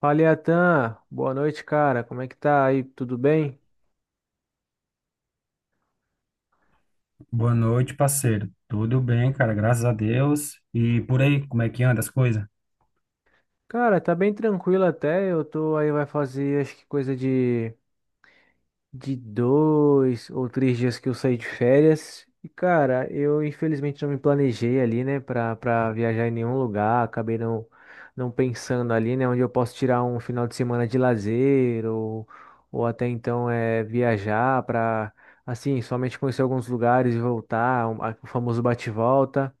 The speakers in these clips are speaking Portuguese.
Fala, Iatan. Boa noite, cara. Como é que tá aí? Tudo bem? Boa noite, parceiro. Tudo bem, cara, graças a Deus. E por aí, como é que anda as coisas? Cara, tá bem tranquilo até. Eu tô aí, vai fazer acho que coisa de, 2 ou 3 dias que eu saí de férias. E, cara, eu infelizmente não me planejei ali, né, pra viajar em nenhum lugar. Acabei não pensando ali, né, onde eu posso tirar um final de semana de lazer ou até então é viajar pra, assim, somente conhecer alguns lugares e voltar, o famoso bate-volta.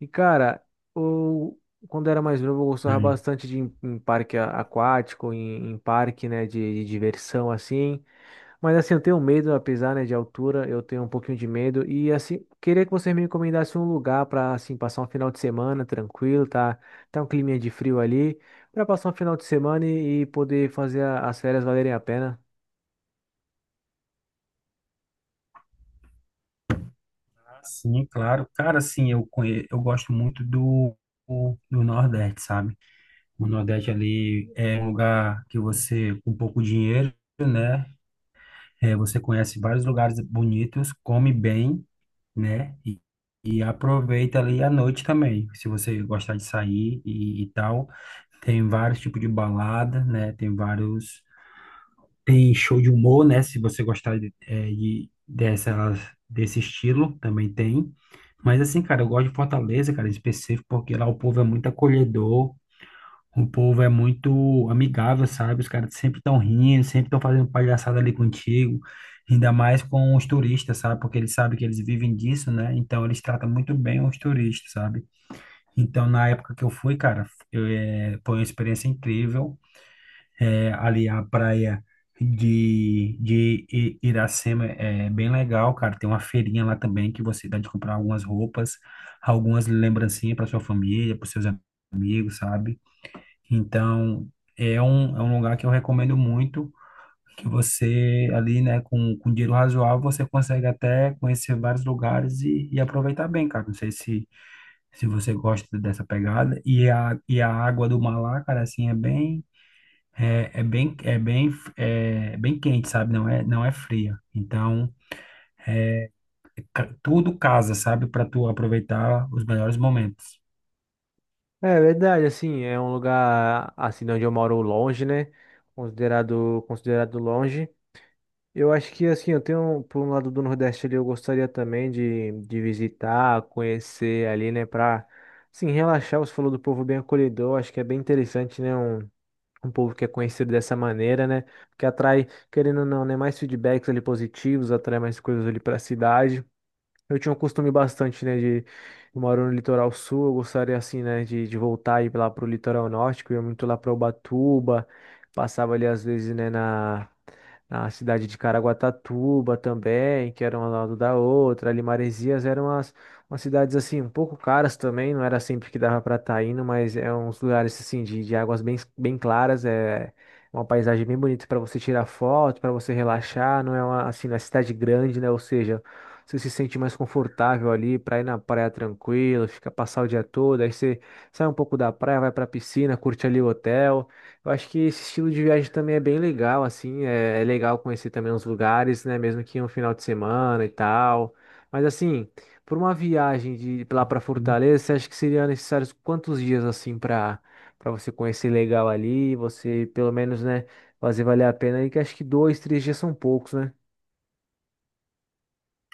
E, cara, eu, quando era mais novo, eu gostava Sim. bastante de ir em, parque aquático, em, parque, né, de, diversão, assim. Mas, assim, eu tenho medo, apesar, né, de altura, eu tenho um pouquinho de medo. E, assim, queria que você me recomendasse um lugar para, assim, passar um final de semana tranquilo, tá? Tá um climinha de frio ali, para passar um final de semana e, poder fazer as férias valerem a pena. Ah, sim, claro. Cara, sim, eu gosto muito do Nordeste, sabe? O Nordeste ali é um lugar que você, com pouco dinheiro, né? É, você conhece vários lugares bonitos, come bem, né? E aproveita ali a noite também, se você gostar de sair e tal. Tem vários tipos de balada, né? Tem vários. Tem show de humor, né? Se você gostar dessa, desse estilo, também tem. Mas assim, cara, eu gosto de Fortaleza, cara, em específico, porque lá o povo é muito acolhedor, o povo é muito amigável, sabe? Os caras sempre estão rindo, sempre estão fazendo palhaçada ali contigo, ainda mais com os turistas, sabe? Porque eles sabem que eles vivem disso, né? Então eles tratam muito bem os turistas, sabe? Então, na época que eu fui, cara, foi uma experiência incrível. É, ali a praia de Iracema é bem legal, cara. Tem uma feirinha lá também que você dá de comprar algumas roupas, algumas lembrancinhas para sua família, para seus amigos, sabe? Então, é um lugar que eu recomendo muito, que você ali, né, com dinheiro razoável, você consegue até conhecer vários lugares e aproveitar bem, cara. Não sei se você gosta dessa pegada. E a água do mar lá, cara, assim, é bem, é bem, é, bem quente, sabe? Não é, não é fria. Então, tudo casa, sabe? Para tu aproveitar os melhores momentos. É verdade, assim, é um lugar, assim, de onde eu moro longe, né? Considerado longe. Eu acho que assim, eu tenho por um lado do Nordeste ali, eu gostaria também de, visitar, conhecer ali, né, pra assim, relaxar. Você falou do povo bem acolhedor, acho que é bem interessante, né, um povo que é conhecido dessa maneira, né, que atrai, querendo ou não, né, mais feedbacks ali positivos, atrai mais coisas ali pra cidade. Eu tinha um costume bastante, né, de eu moro no litoral sul, eu gostaria assim, né, de, voltar e ir lá pro litoral norte, que eu ia muito lá para Ubatuba, passava ali às vezes, né, na, cidade de Caraguatatuba também, que era um ao lado da outra, ali Maresias eram umas cidades assim, um pouco caras também, não era sempre que dava para estar indo, mas é uns lugares assim de, águas bem, bem claras, é uma paisagem bem bonita para você tirar foto, para você relaxar, não é uma assim, na cidade grande, né, ou seja, você se sente mais confortável ali para ir na praia tranquilo, fica passar o dia todo, aí você sai um pouco da praia, vai pra piscina, curte ali o hotel. Eu acho que esse estilo de viagem também é bem legal, assim, é legal conhecer também os lugares, né, mesmo que um final de semana e tal. Mas assim, por uma viagem de lá para Fortaleza, você acha que seria necessário quantos dias assim para você conhecer legal ali, você pelo menos, né, fazer valer a pena aí, que acho que 2, 3 dias são poucos, né?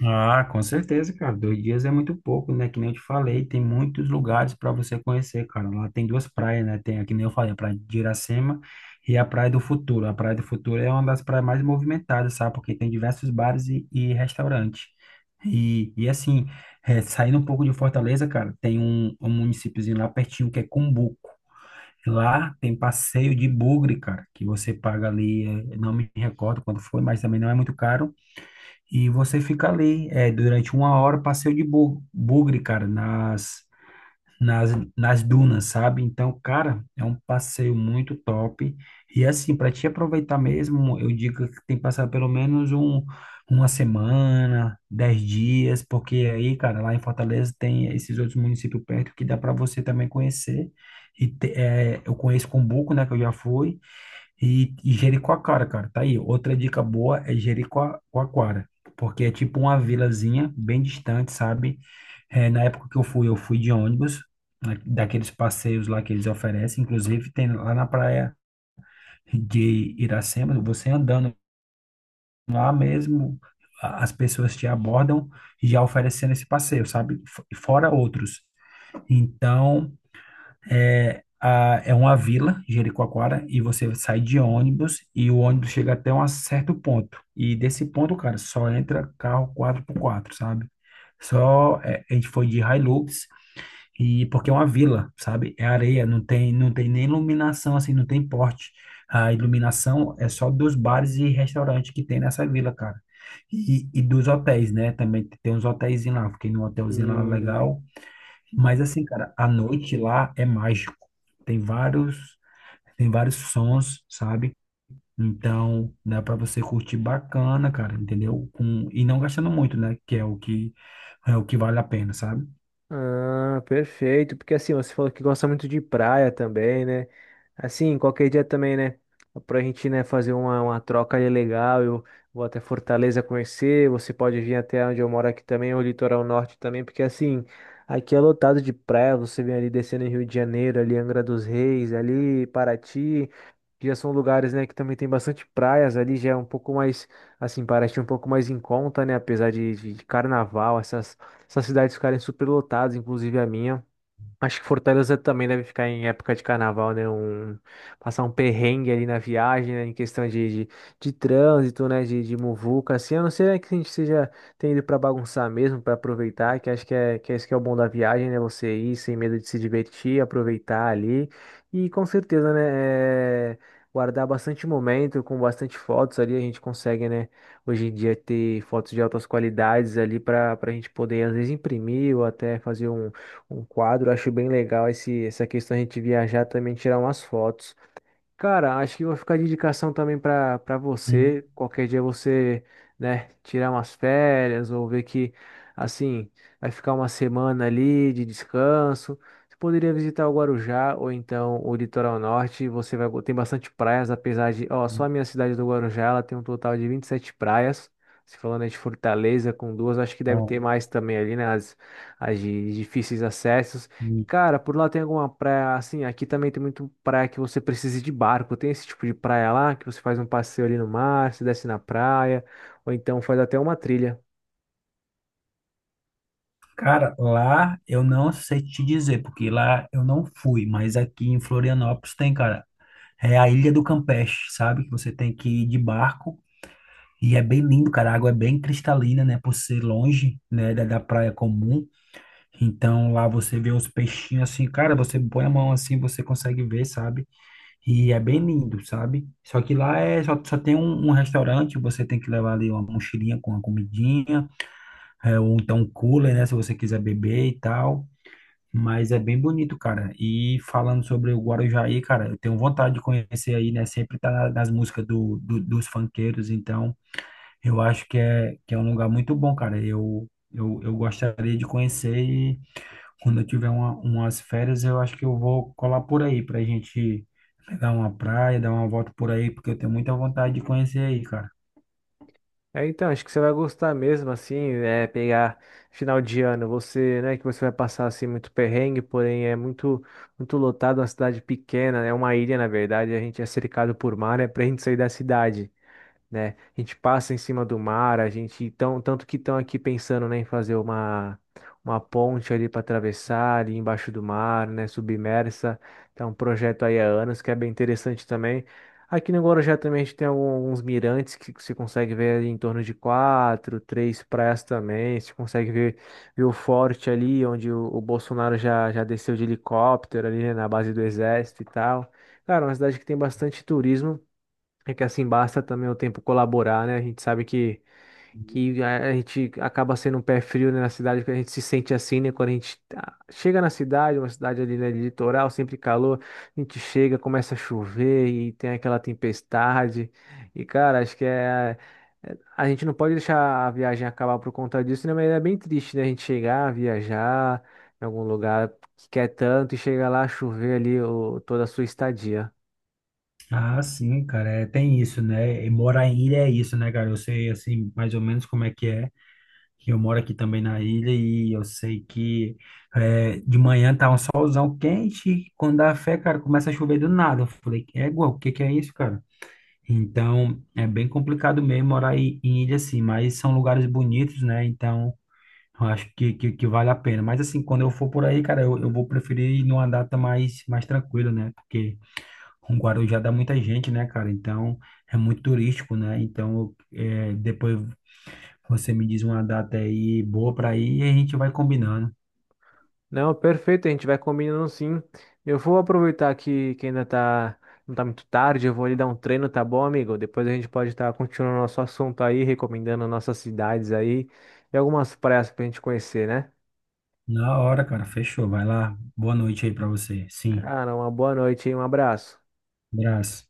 Ah, com certeza, cara. 2 dias é muito pouco, né? Que nem eu te falei, tem muitos lugares para você conhecer, cara. Lá tem duas praias, né? Tem, que nem eu falei, a Praia de Iracema e a Praia do Futuro. A Praia do Futuro é uma das praias mais movimentadas, sabe? Porque tem diversos bares e restaurantes. E assim, saindo um pouco de Fortaleza, cara, tem um municípiozinho lá pertinho que é Cumbuco. Lá tem passeio de bugre, cara, que você paga ali, não me recordo quanto foi, mas também não é muito caro e você fica ali, durante uma hora, passeio de bugre, cara, nas, nas dunas, sabe? Então, cara, é um passeio muito top. E assim, para te aproveitar mesmo, eu digo que tem que passar pelo menos uma semana, 10 dias, porque aí, cara, lá em Fortaleza tem esses outros municípios perto que dá para você também conhecer. E eu conheço Cumbuco, né, que eu já fui. E Jericoacoara, cara, tá aí. Outra dica boa é Jericoacoara, porque é tipo uma vilazinha bem distante, sabe? É, na época que eu fui de ônibus, daqueles passeios lá que eles oferecem. Inclusive, tem lá na praia de Iracema, você andando lá mesmo, as pessoas te abordam já oferecendo esse passeio, sabe? Fora outros. Então. É, uma vila, Jericoacoara, e você sai de ônibus e o ônibus chega até um certo ponto. E desse ponto, cara, só entra carro quatro por quatro, sabe? A gente foi de Hilux e porque é uma vila, sabe? É areia, não tem nem iluminação assim, não tem porte. A iluminação é só dos bares e restaurantes que tem nessa vila, cara. E dos hotéis, né? Também tem uns hotéis lá. Fiquei num hotelzinho lá, é Hum. legal, mas assim, cara, a noite lá é mágico. Tem vários, Tem vários sons, sabe? Então, dá para você curtir bacana, cara, entendeu? E não gastando muito, né? Que é o que vale a pena, sabe? Ah, perfeito. Porque assim, você falou que gosta muito de praia também, né? Assim, qualquer dia também, né? Pra gente, né, fazer uma troca ali legal. Eu vou até Fortaleza conhecer. Você pode vir até onde eu moro aqui também, o litoral norte também, porque assim, aqui é lotado de praia. Você vem ali descendo em Rio de Janeiro, ali Angra dos Reis, ali Paraty. Que Já são lugares, né, que também tem bastante praias ali, já é um pouco mais, assim, parece um pouco mais em conta, né, apesar de, de carnaval, essas cidades ficarem superlotadas, inclusive a minha. Acho que Fortaleza também deve ficar em época de carnaval, né? Passar um perrengue ali na viagem, né? Em questão de, de trânsito, né? De muvuca, assim. A não ser, né, que a gente seja, tenha ido pra bagunçar mesmo, pra aproveitar, que acho que é isso que é o bom da viagem, né? Você ir sem medo de se divertir, aproveitar ali. E com certeza, né? é, guardar bastante momento, com bastante fotos ali, a gente consegue, né? Hoje em dia ter fotos de altas qualidades ali para a gente poder, às vezes, imprimir ou até fazer um quadro. Acho bem legal essa questão de a gente viajar também, tirar umas fotos. Cara, acho que vou ficar de indicação também para Sim. você. Qualquer dia você, né, tirar umas férias ou ver que, assim, vai ficar uma semana ali de descanso. Você poderia visitar o Guarujá ou então o Litoral Norte. Você vai, tem bastante praias, apesar de, ó, só a minha cidade do Guarujá, ela tem um total de 27 praias. Se falando aí de Fortaleza com duas, acho que deve Não. ter mais também ali, né, as de difíceis acessos. Cara, por lá tem alguma praia, assim, aqui também tem muito praia que você precisa ir de barco. Tem esse tipo de praia lá, que você faz um passeio ali no mar, se desce na praia, ou então faz até uma trilha. Cara, lá eu não sei te dizer, porque lá eu não fui, mas aqui em Florianópolis tem, cara. É a Ilha do Campeche, sabe? Que você tem que ir de barco e é bem lindo, cara. A água é bem cristalina, né? Por ser longe, né? Da praia comum. Então lá você vê os peixinhos assim, cara. Você põe a mão assim, você consegue ver, sabe? E é bem lindo, sabe? Só que lá é só tem um restaurante, você tem que levar ali uma mochilinha com uma comidinha, é, ou então um cooler, né? Se você quiser beber e tal. Mas é bem bonito, cara. E falando sobre o Guarujá, cara, eu tenho vontade de conhecer aí, né? Sempre tá nas músicas dos funkeiros, então eu acho que é, um lugar muito bom, cara. Eu gostaria de conhecer e quando eu tiver umas férias, eu acho que eu vou colar por aí pra gente pegar uma praia, dar uma volta por aí, porque eu tenho muita vontade de conhecer aí, cara. É, então, acho que você vai gostar mesmo, assim, é pegar final de ano, você, né, que você vai passar, assim, muito perrengue, porém é muito, muito lotado, uma cidade pequena, é uma ilha, na verdade, a gente é cercado por mar, é pra gente sair da cidade, né? A gente passa em cima do mar, tanto que estão aqui pensando, né, em fazer uma ponte ali para atravessar ali embaixo do mar, né, submersa. Então, um projeto aí há anos que é bem interessante também. Aqui no Guarujá também a gente tem alguns mirantes que você consegue ver ali em torno de quatro, três praias também. Você consegue ver o forte ali, onde o Bolsonaro já, já desceu de helicóptero ali, né, na base do exército e tal. Cara, é uma cidade que tem bastante turismo. É que assim basta também o tempo colaborar, né? A gente sabe que a gente acaba sendo um pé frio, né, na cidade, que a gente se sente assim, né? Quando chega na cidade, uma cidade ali, né, de litoral, sempre calor, a gente chega, começa a chover e tem aquela tempestade. E, cara, acho que é. A gente não pode deixar a viagem acabar por conta disso, né? Mas é bem triste, né? A gente chegar, viajar em algum lugar que quer tanto e chegar lá, chover ali toda a sua estadia. Ah, sim, cara, é, tem isso, né? E morar em ilha é isso, né, cara? Eu sei, assim, mais ou menos como é. Que Eu moro aqui também na ilha e eu sei que é, de manhã tá um solzão quente e quando dá fé, cara, começa a chover do nada. Eu falei, égua, o que que é isso, cara? Então, é bem complicado mesmo morar em ilha assim, mas são lugares bonitos, né? Então, eu acho que vale a pena. Mas assim, quando eu for por aí, cara, eu vou preferir ir numa data mais tranquila, né? Porque o Guarujá dá muita gente, né, cara? Então, é muito turístico, né? Então, depois você me diz uma data aí boa pra ir e a gente vai combinando. Não, perfeito, a gente vai combinando sim. Eu vou aproveitar que ainda tá, não tá muito tarde, eu vou ali dar um treino, tá bom, amigo? Depois a gente pode estar continuando nosso assunto aí, recomendando nossas cidades aí e algumas praias pra gente conhecer, né? Na hora, cara, fechou. Vai lá. Boa noite aí pra você. Sim. Cara, uma boa noite e um abraço. Abraço.